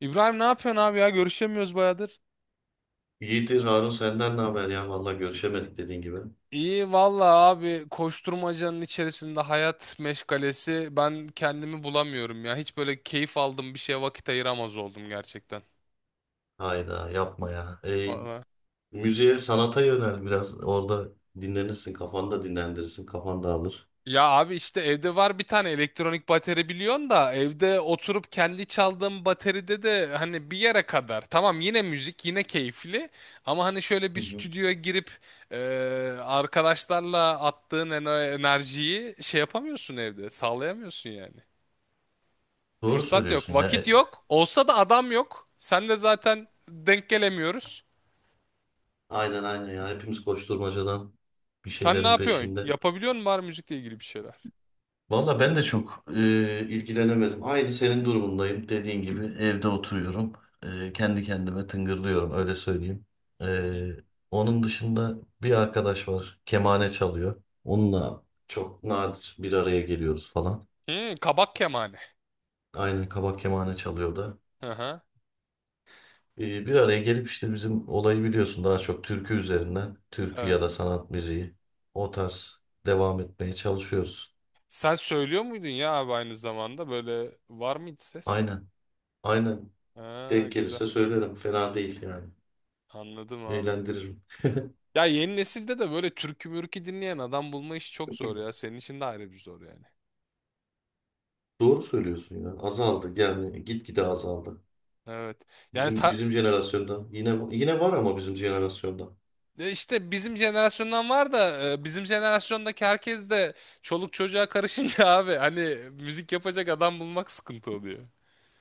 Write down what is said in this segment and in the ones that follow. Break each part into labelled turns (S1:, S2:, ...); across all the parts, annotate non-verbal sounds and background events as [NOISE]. S1: İbrahim ne yapıyorsun abi ya? Görüşemiyoruz bayağıdır.
S2: İyidir Harun senden ne haber ya? Vallahi görüşemedik dediğin gibi.
S1: İyi valla abi koşturmacanın içerisinde hayat meşgalesi ben kendimi bulamıyorum ya. Hiç böyle keyif aldığım bir şeye vakit ayıramaz oldum gerçekten.
S2: Hayda yapma ya.
S1: Valla.
S2: Müziğe, sanata yönel biraz. Orada dinlenirsin, kafanı da dinlendirirsin, kafan dağılır.
S1: Ya abi işte evde var bir tane elektronik bateri biliyorsun da evde oturup kendi çaldığım bateride de hani bir yere kadar. Tamam yine müzik yine keyifli ama hani şöyle bir
S2: Hı hı.
S1: stüdyoya girip e, arkadaşlarla enerjiyi şey yapamıyorsun evde sağlayamıyorsun yani.
S2: Doğru
S1: Fırsat
S2: söylüyorsun
S1: yok,
S2: ya.
S1: vakit yok. Olsa da adam yok. Sen de zaten denk gelemiyoruz.
S2: Aynen aynen ya. Hepimiz koşturmacadan bir
S1: Sen ne
S2: şeylerin
S1: yapıyorsun?
S2: peşinde.
S1: Yapabiliyor musun var müzikle ilgili bir şeyler?
S2: Valla ben de çok ilgilenemedim. Aynı senin durumundayım. Dediğin gibi evde oturuyorum. Kendi kendime tıngırlıyorum öyle söyleyeyim.
S1: Hı hı.
S2: E, Onun dışında bir arkadaş var. Kemane çalıyor. Onunla çok nadir bir araya geliyoruz falan.
S1: Hmm, kabak kemane.
S2: Aynen kabak kemane çalıyor da.
S1: Hı hı.
S2: Bir araya gelip işte bizim olayı biliyorsun daha çok türkü üzerinden. Türkü
S1: Evet.
S2: ya da sanat müziği. O tarz devam etmeye çalışıyoruz.
S1: Sen söylüyor muydun ya abi aynı zamanda? Böyle var mıydı ses?
S2: Aynen. Aynen.
S1: Ha,
S2: Denk
S1: güzel.
S2: gelirse söylerim. Fena değil yani.
S1: Anladım abi.
S2: Eğlendiririm. [LAUGHS]
S1: Ya yeni nesilde de böyle türkü mürkü dinleyen adam bulma işi çok zor ya. Senin için de ayrı bir zor yani.
S2: Doğru söylüyorsun ya. Azaldı yani gitgide azaldı.
S1: Evet. Yani
S2: Bizim
S1: ta-
S2: bizim jenerasyonda yine var ama bizim jenerasyonda.
S1: E İşte bizim jenerasyondan var da bizim jenerasyondaki herkes de çoluk çocuğa karışınca [LAUGHS] abi hani müzik yapacak adam bulmak sıkıntı oluyor.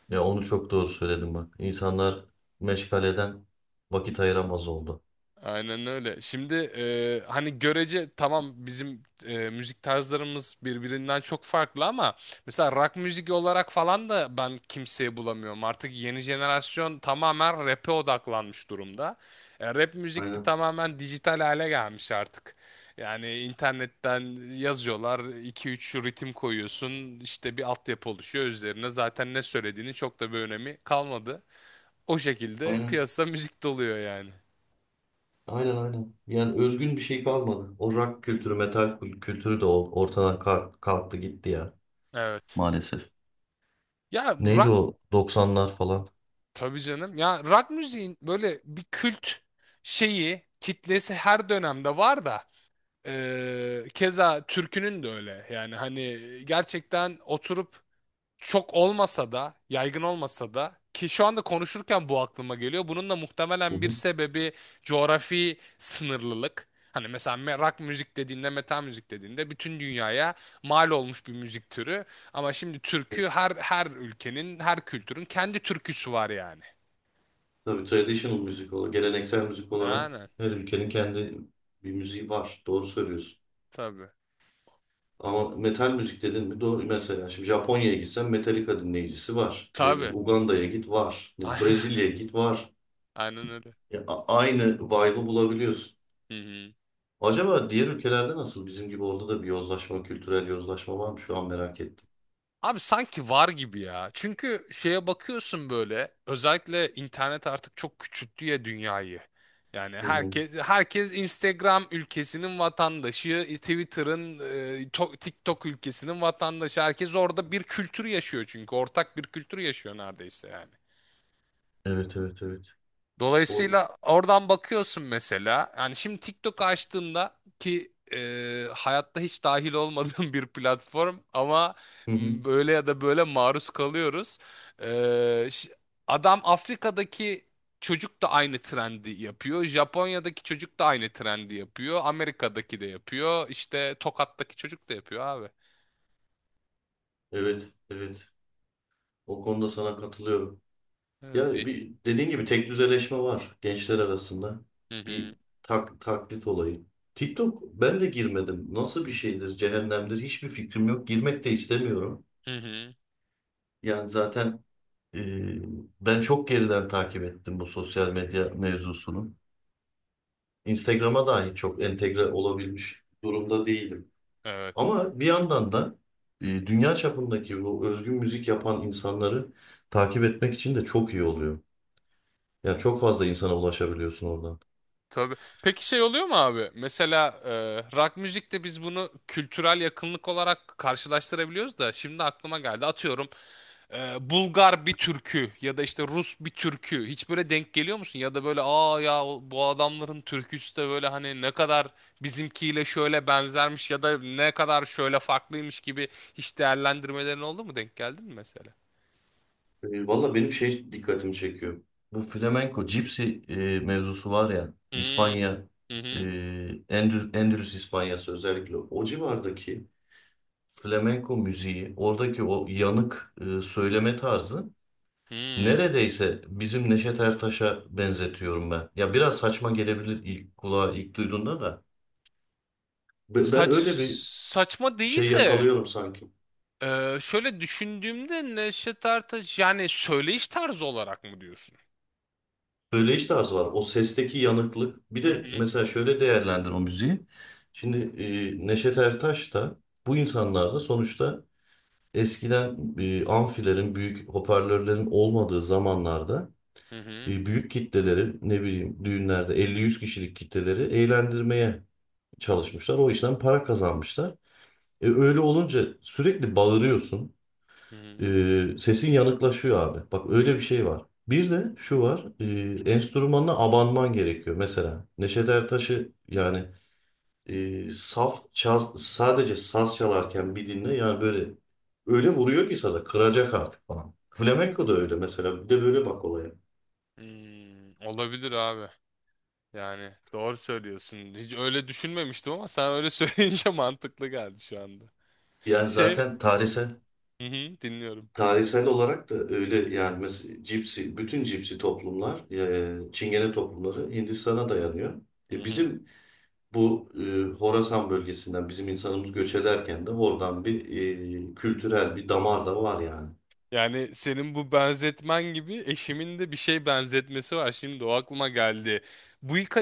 S2: Ya onu çok doğru söyledim bak. İnsanlar meşgaleden vakit ayıramaz oldu.
S1: Aynen öyle. Şimdi hani görece tamam bizim müzik tarzlarımız birbirinden çok farklı ama mesela rock müzik olarak falan da ben kimseyi bulamıyorum. Artık yeni jenerasyon tamamen rap'e odaklanmış durumda. Rap müzik de
S2: Aynen.
S1: tamamen dijital hale gelmiş artık. Yani internetten yazıyorlar, 2-3 ritim koyuyorsun, işte bir altyapı oluşuyor üzerine. Zaten ne söylediğini çok da bir önemi kalmadı. O şekilde
S2: Aynen.
S1: piyasa müzik doluyor yani.
S2: Aynen aynen. Yani özgün bir şey kalmadı. O rock kültürü, metal kültürü de ortadan kalktı gitti ya
S1: Evet.
S2: maalesef.
S1: Ya
S2: Neydi
S1: rock
S2: o 90'lar falan?
S1: tabii canım. Ya rock müziğin böyle bir kült şeyi, kitlesi her dönemde var da keza türkünün de öyle. Yani hani gerçekten oturup çok olmasa da, yaygın olmasa da ki şu anda konuşurken bu aklıma geliyor. Bunun da
S2: Hı
S1: muhtemelen bir
S2: hı.
S1: sebebi coğrafi sınırlılık. Hani mesela rock müzik dediğinde, metal müzik dediğinde bütün dünyaya mal olmuş bir müzik türü. Ama şimdi türkü her ülkenin, her kültürün kendi türküsü var yani.
S2: Tabii traditional müzik olarak, geleneksel müzik olarak
S1: Aynen.
S2: her ülkenin kendi bir müziği var. Doğru söylüyorsun.
S1: Tabii.
S2: Ama metal müzik dedin mi? Doğru. Mesela şimdi Japonya'ya gitsen Metallica dinleyicisi var. Ne
S1: Tabii.
S2: bileyim Uganda'ya git var.
S1: [LAUGHS]
S2: Bileyim,
S1: Aynen.
S2: Brezilya'ya git var.
S1: Aynen öyle.
S2: Ya, aynı vibe'ı bulabiliyorsun.
S1: Hı hı.
S2: Acaba diğer ülkelerde nasıl? Bizim gibi orada da bir yozlaşma, kültürel yozlaşma var mı? Şu an merak ettim.
S1: Abi sanki var gibi ya. Çünkü şeye bakıyorsun böyle özellikle internet artık çok küçülttü ya dünyayı. Yani
S2: Hı hı.
S1: herkes Instagram ülkesinin vatandaşı, Twitter'ın, TikTok ülkesinin vatandaşı. Herkes orada bir kültür yaşıyor çünkü ortak bir kültür yaşıyor neredeyse yani.
S2: Evet, evet, evet. O...
S1: Dolayısıyla oradan bakıyorsun mesela. Yani şimdi TikTok açtığımda ki hayatta hiç dahil olmadığım [LAUGHS] bir platform ama
S2: Hı hı.
S1: böyle ya da böyle maruz kalıyoruz. E, ş- Adam Afrika'daki çocuk da aynı trendi yapıyor. Japonya'daki çocuk da aynı trendi yapıyor. Amerika'daki de yapıyor. İşte Tokat'taki çocuk da yapıyor abi.
S2: Evet, evet. O konuda sana katılıyorum.
S1: Evet
S2: Ya
S1: değil.
S2: bir dediğin gibi tek düzeleşme var gençler arasında.
S1: Hı
S2: Bir
S1: hı.
S2: taklit olayı. TikTok ben de girmedim. Nasıl bir şeydir, cehennemdir hiçbir fikrim yok. Girmek de istemiyorum.
S1: Hı hı.
S2: Yani zaten e, ben çok geriden takip ettim bu sosyal medya mevzusunu. Instagram'a dahi çok entegre olabilmiş durumda değilim.
S1: Evet.
S2: Ama bir yandan da dünya çapındaki bu özgün müzik yapan insanları takip etmek için de çok iyi oluyor. Yani çok fazla insana ulaşabiliyorsun oradan.
S1: Tabii. Peki şey oluyor mu abi? Mesela rock müzikte biz bunu kültürel yakınlık olarak karşılaştırabiliyoruz da şimdi aklıma geldi. Atıyorum Bulgar bir türkü ya da işte Rus bir türkü. Hiç böyle denk geliyor musun? Ya da böyle bu adamların türküsü de böyle hani ne kadar bizimkiyle şöyle benzermiş ya da ne kadar şöyle farklıymış gibi hiç değerlendirmelerin oldu mu? Denk geldin mi mesela?
S2: Valla benim şey dikkatimi çekiyor. Bu flamenco, cipsi mevzusu var ya,
S1: Hmm.
S2: İspanya,
S1: Hı
S2: e,
S1: hı.
S2: Endülüs İspanyası özellikle o civardaki flamenco müziği, oradaki o yanık söyleme tarzı
S1: Hmm.
S2: neredeyse bizim Neşet Ertaş'a benzetiyorum ben. Ya biraz saçma gelebilir ilk kulağa ilk duyduğunda da. Ben
S1: Saç
S2: öyle bir
S1: Saçma
S2: şey
S1: değil de
S2: yakalıyorum sanki.
S1: Şöyle düşündüğümde Neşet Ertaş yani söyleyiş tarzı olarak mı diyorsun?
S2: Söyleyiş tarzı var. O sesteki yanıklık. Bir
S1: Hı
S2: de
S1: hı.
S2: mesela şöyle değerlendir o müziği. Şimdi Neşet Ertaş da bu insanlar da sonuçta eskiden amfilerin, büyük hoparlörlerin olmadığı zamanlarda
S1: Hı hı.
S2: büyük kitleleri ne bileyim düğünlerde 50-100 kişilik kitleleri eğlendirmeye çalışmışlar. O işten para kazanmışlar. Öyle olunca sürekli bağırıyorsun.
S1: Hı hı.
S2: Sesin yanıklaşıyor abi. Bak öyle bir şey var. Bir de şu var. Enstrümanına abanman gerekiyor. Mesela Neşet Ertaş'ı yani sadece saz çalarken bir dinle yani böyle öyle vuruyor ki saza kıracak artık falan. Flamenco da öyle mesela. Bir de böyle bak olaya.
S1: Hmm, olabilir abi. Yani doğru söylüyorsun. Hiç öyle düşünmemiştim ama sen öyle söyleyince [LAUGHS] mantıklı geldi şu anda.
S2: Yani
S1: Şey,
S2: zaten tarihsel
S1: hı hı, dinliyorum.
S2: tarihsel olarak da öyle yani mesela cipsi bütün cipsi toplumlar Çingene toplumları Hindistan'a dayanıyor.
S1: Hı
S2: E,
S1: hı.
S2: bizim Bu Horasan bölgesinden bizim insanımız göç ederken de oradan bir kültürel bir damar da var yani.
S1: Yani senin bu benzetmen gibi eşimin de bir şey benzetmesi var. Şimdi o aklıma geldi.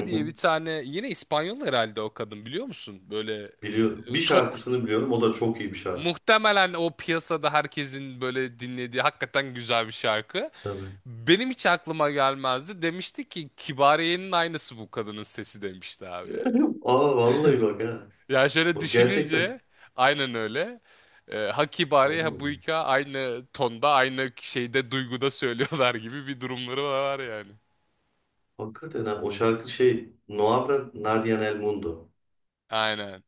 S2: Hı
S1: diye
S2: hı.
S1: bir tane yine İspanyol herhalde o kadın biliyor musun? Böyle
S2: Biliyorum.
S1: e,
S2: Bir
S1: tok
S2: şarkısını biliyorum. O da çok iyi bir şarkı.
S1: muhtemelen o piyasada herkesin böyle dinlediği hakikaten güzel bir şarkı.
S2: Tabii.
S1: Benim hiç aklıma gelmezdi. Demişti ki Kibariye'nin aynısı bu kadının sesi demişti abi yani.
S2: [LAUGHS] Aa vallahi bak ha.
S1: Ya şöyle
S2: Bak gerçekten.
S1: düşününce aynen öyle. Ha Kibariye ha
S2: Oğlum,
S1: Buyka aynı tonda aynı şeyde duyguda söylüyorlar gibi bir durumları var yani.
S2: hakikaten ha. O şarkı Noabra Nadia Nel Mundo.
S1: Aynen.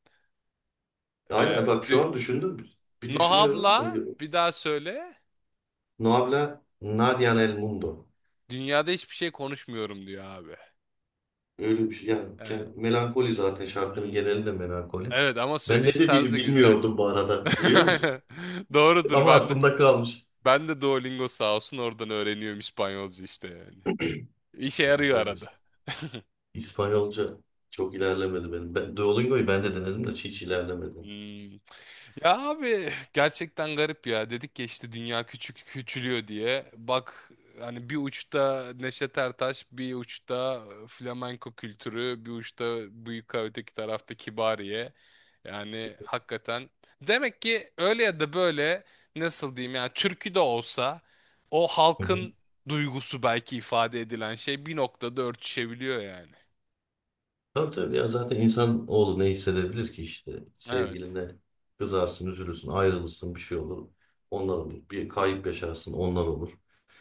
S2: Aynen
S1: Ee,
S2: bak şu
S1: dü-
S2: an düşündüm. Bir düşünüyorum.
S1: Nohab'la
S2: Böyle,
S1: bir daha söyle.
S2: Noabra Nadia Nel Mundo.
S1: Dünyada hiçbir şey konuşmuyorum diyor abi.
S2: Öyle bir şey. Yani
S1: Ee,
S2: melankoli zaten şarkının
S1: hmm.
S2: genelinde melankoli.
S1: Evet ama
S2: Ben ne
S1: söyleyiş
S2: dediğini
S1: tarzı güzel.
S2: bilmiyordum bu arada
S1: [LAUGHS]
S2: biliyor musun?
S1: Aynen. Doğrudur
S2: Ama
S1: ben de.
S2: aklımda kalmış.
S1: Ben de Duolingo sağ olsun oradan öğreniyorum İspanyolca işte yani. İşe
S2: Hani
S1: yarıyor arada. [LAUGHS]
S2: İspanyolca çok ilerlemedi benim. Duolingo'yu ben de denedim de hiç ilerlemedi.
S1: Hmm. Ya abi gerçekten garip ya. Dedik ya işte dünya küçük küçülüyor diye. Bak hani bir uçta Neşet Ertaş, bir uçta flamenko kültürü, bir uçta büyük öteki tarafta Kibariye. Yani hakikaten demek ki öyle ya da böyle nasıl diyeyim yani türkü de olsa o
S2: Hı hı.
S1: halkın duygusu belki ifade edilen şey bir noktada örtüşebiliyor yani.
S2: Tabii tabii ya zaten insan oğlu ne hissedebilir ki işte
S1: Evet.
S2: sevgiline kızarsın, üzülürsün, ayrılırsın bir şey olur. Onlar olur. Bir kayıp yaşarsın, onlar olur.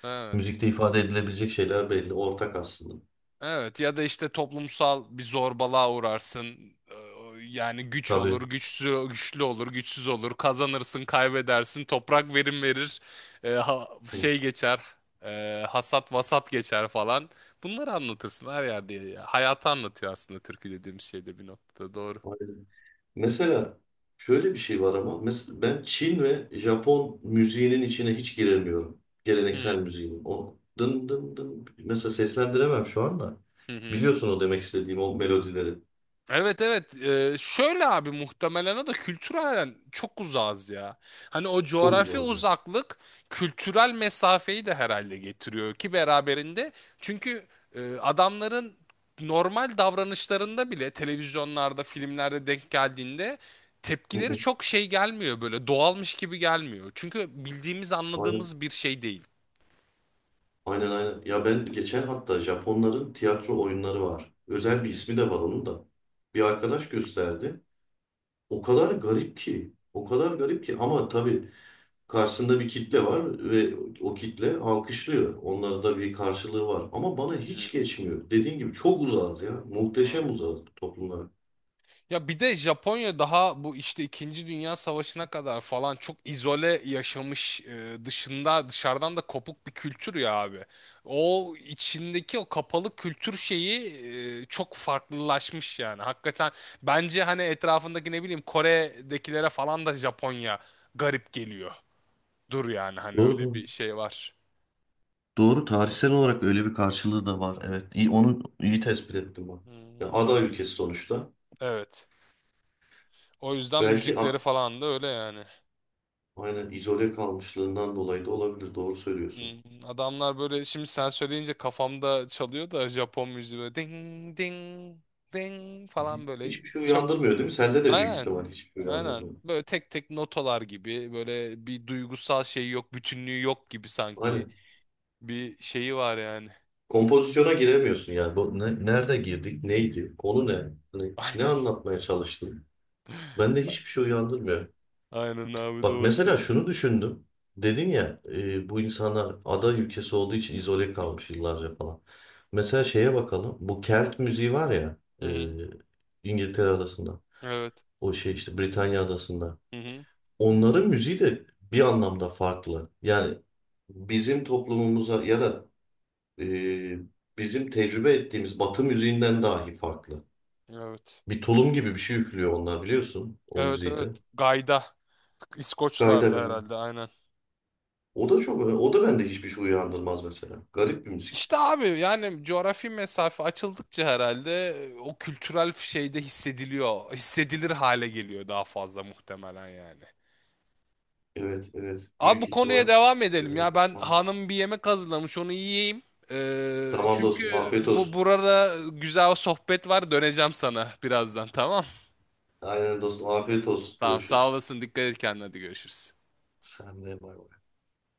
S1: Evet.
S2: Müzikte ifade edilebilecek şeyler belli, ortak aslında.
S1: Evet ya da işte toplumsal bir zorbalığa uğrarsın. Ee, Yani güç olur,
S2: Tabii.
S1: güçsüz, güçlü olur, güçsüz olur. Kazanırsın, kaybedersin. Toprak verim verir.
S2: Hı.
S1: Şey geçer. Hasat vasat geçer falan. Bunları anlatırsın her yerde. Ya, hayatı anlatıyor aslında türkü dediğim şey de bir noktada doğru.
S2: Aynen. Mesela şöyle bir şey var ama mesela ben Çin ve Japon müziğinin içine hiç giremiyorum.
S1: Hı
S2: Geleneksel müziğin. O dın dın dın mesela seslendiremem şu anda.
S1: hı. Hı.
S2: Biliyorsun o demek istediğim o melodileri.
S1: Evet evet. Şöyle abi muhtemelen o da kültürel çok uzağız ya. Hani o
S2: Çok
S1: coğrafi
S2: uzağız ya.
S1: uzaklık kültürel mesafeyi de herhalde getiriyor ki beraberinde. Çünkü adamların normal davranışlarında bile televizyonlarda filmlerde denk geldiğinde
S2: Hı
S1: tepkileri
S2: hı.
S1: çok şey gelmiyor böyle doğalmış gibi gelmiyor. Çünkü bildiğimiz
S2: Aynen.
S1: anladığımız bir şey değil.
S2: Aynen aynen. Ya ben geçen hatta Japonların tiyatro oyunları var.
S1: Hı
S2: Özel bir
S1: hı,
S2: ismi de var onun da. Bir arkadaş gösterdi. O kadar garip ki. O kadar garip ki ama tabii karşısında bir kitle var ve o kitle alkışlıyor. Onlarda da bir karşılığı var. Ama bana
S1: hı
S2: hiç geçmiyor. Dediğin gibi çok uzağız ya.
S1: hı.
S2: Muhteşem uzağız bu toplumlara.
S1: Ya bir de Japonya daha bu işte İkinci Dünya Savaşı'na kadar falan çok izole yaşamış e, dışında dışarıdan da kopuk bir kültür ya abi. O içindeki o kapalı kültür şeyi çok farklılaşmış yani. Hakikaten bence hani etrafındaki ne bileyim Kore'dekilere falan da Japonya garip geliyor. Dur yani hani
S2: Doğru
S1: öyle
S2: doğru.
S1: bir şey var.
S2: Doğru tarihsel olarak öyle bir karşılığı da var. Evet. İyi, onu iyi tespit ettim ben. Ya
S1: Hmm, o-
S2: ada ülkesi sonuçta.
S1: Evet. O yüzden
S2: Belki
S1: müzikleri falan da öyle yani.
S2: aynen izole kalmışlığından dolayı da olabilir. Doğru söylüyorsun.
S1: Hmm, adamlar böyle şimdi sen söyleyince kafamda çalıyor da Japon müziği böyle ding ding ding falan böyle
S2: Hiçbir şey
S1: çok,
S2: uyandırmıyor değil mi? Sende de büyük
S1: aynen
S2: ihtimal hiçbir şey
S1: aynen
S2: uyandırmıyor.
S1: böyle tek tek notalar gibi böyle bir duygusal şey yok bütünlüğü yok gibi sanki
S2: Aynen.
S1: bir şeyi var yani.
S2: Kompozisyona giremiyorsun yani. Bu nerede girdik? Neydi? Konu ne? Hani
S1: [LAUGHS]
S2: ne
S1: Aynen
S2: anlatmaya çalıştın? Bende hiçbir şey uyandırmıyor.
S1: aynen abi
S2: Bak
S1: doğru
S2: mesela
S1: söylüyorsun.
S2: şunu düşündüm. Dedin ya bu insanlar ada ülkesi olduğu için izole kalmış yıllarca falan. Mesela şeye bakalım. Bu Kelt müziği var ya
S1: Hı hı.
S2: İngiltere adasında.
S1: Evet.
S2: O şey işte Britanya adasında.
S1: Hı hı.
S2: Onların müziği de bir anlamda farklı. Yani bizim toplumumuza ya da e, bizim tecrübe ettiğimiz Batı müziğinden dahi farklı.
S1: Evet
S2: Bir tulum gibi bir şey üflüyor onlar biliyorsun o
S1: evet
S2: müziği de.
S1: evet. Gayda
S2: Gayda
S1: İskoçlar'da
S2: gayda.
S1: herhalde aynen.
S2: O da bende hiçbir şey uyandırmaz mesela. Garip bir müzik.
S1: İşte abi yani coğrafi mesafe açıldıkça herhalde o kültürel şeyde hissediliyor. Hissedilir hale geliyor daha fazla muhtemelen yani.
S2: Evet evet
S1: Abi bu
S2: büyük
S1: konuya
S2: ihtimal
S1: devam edelim
S2: öyle.
S1: ya. Ben hanım bir yemek hazırlamış onu yiyeyim.
S2: Tamam dostum
S1: Çünkü
S2: afiyet
S1: bu
S2: olsun.
S1: burada güzel sohbet var. Döneceğim sana birazdan tamam.
S2: Aynen dostum afiyet olsun.
S1: Tamam sağ
S2: Görüşürüz.
S1: olasın. Dikkat et kendine. Hadi görüşürüz.
S2: Sen de bay bay.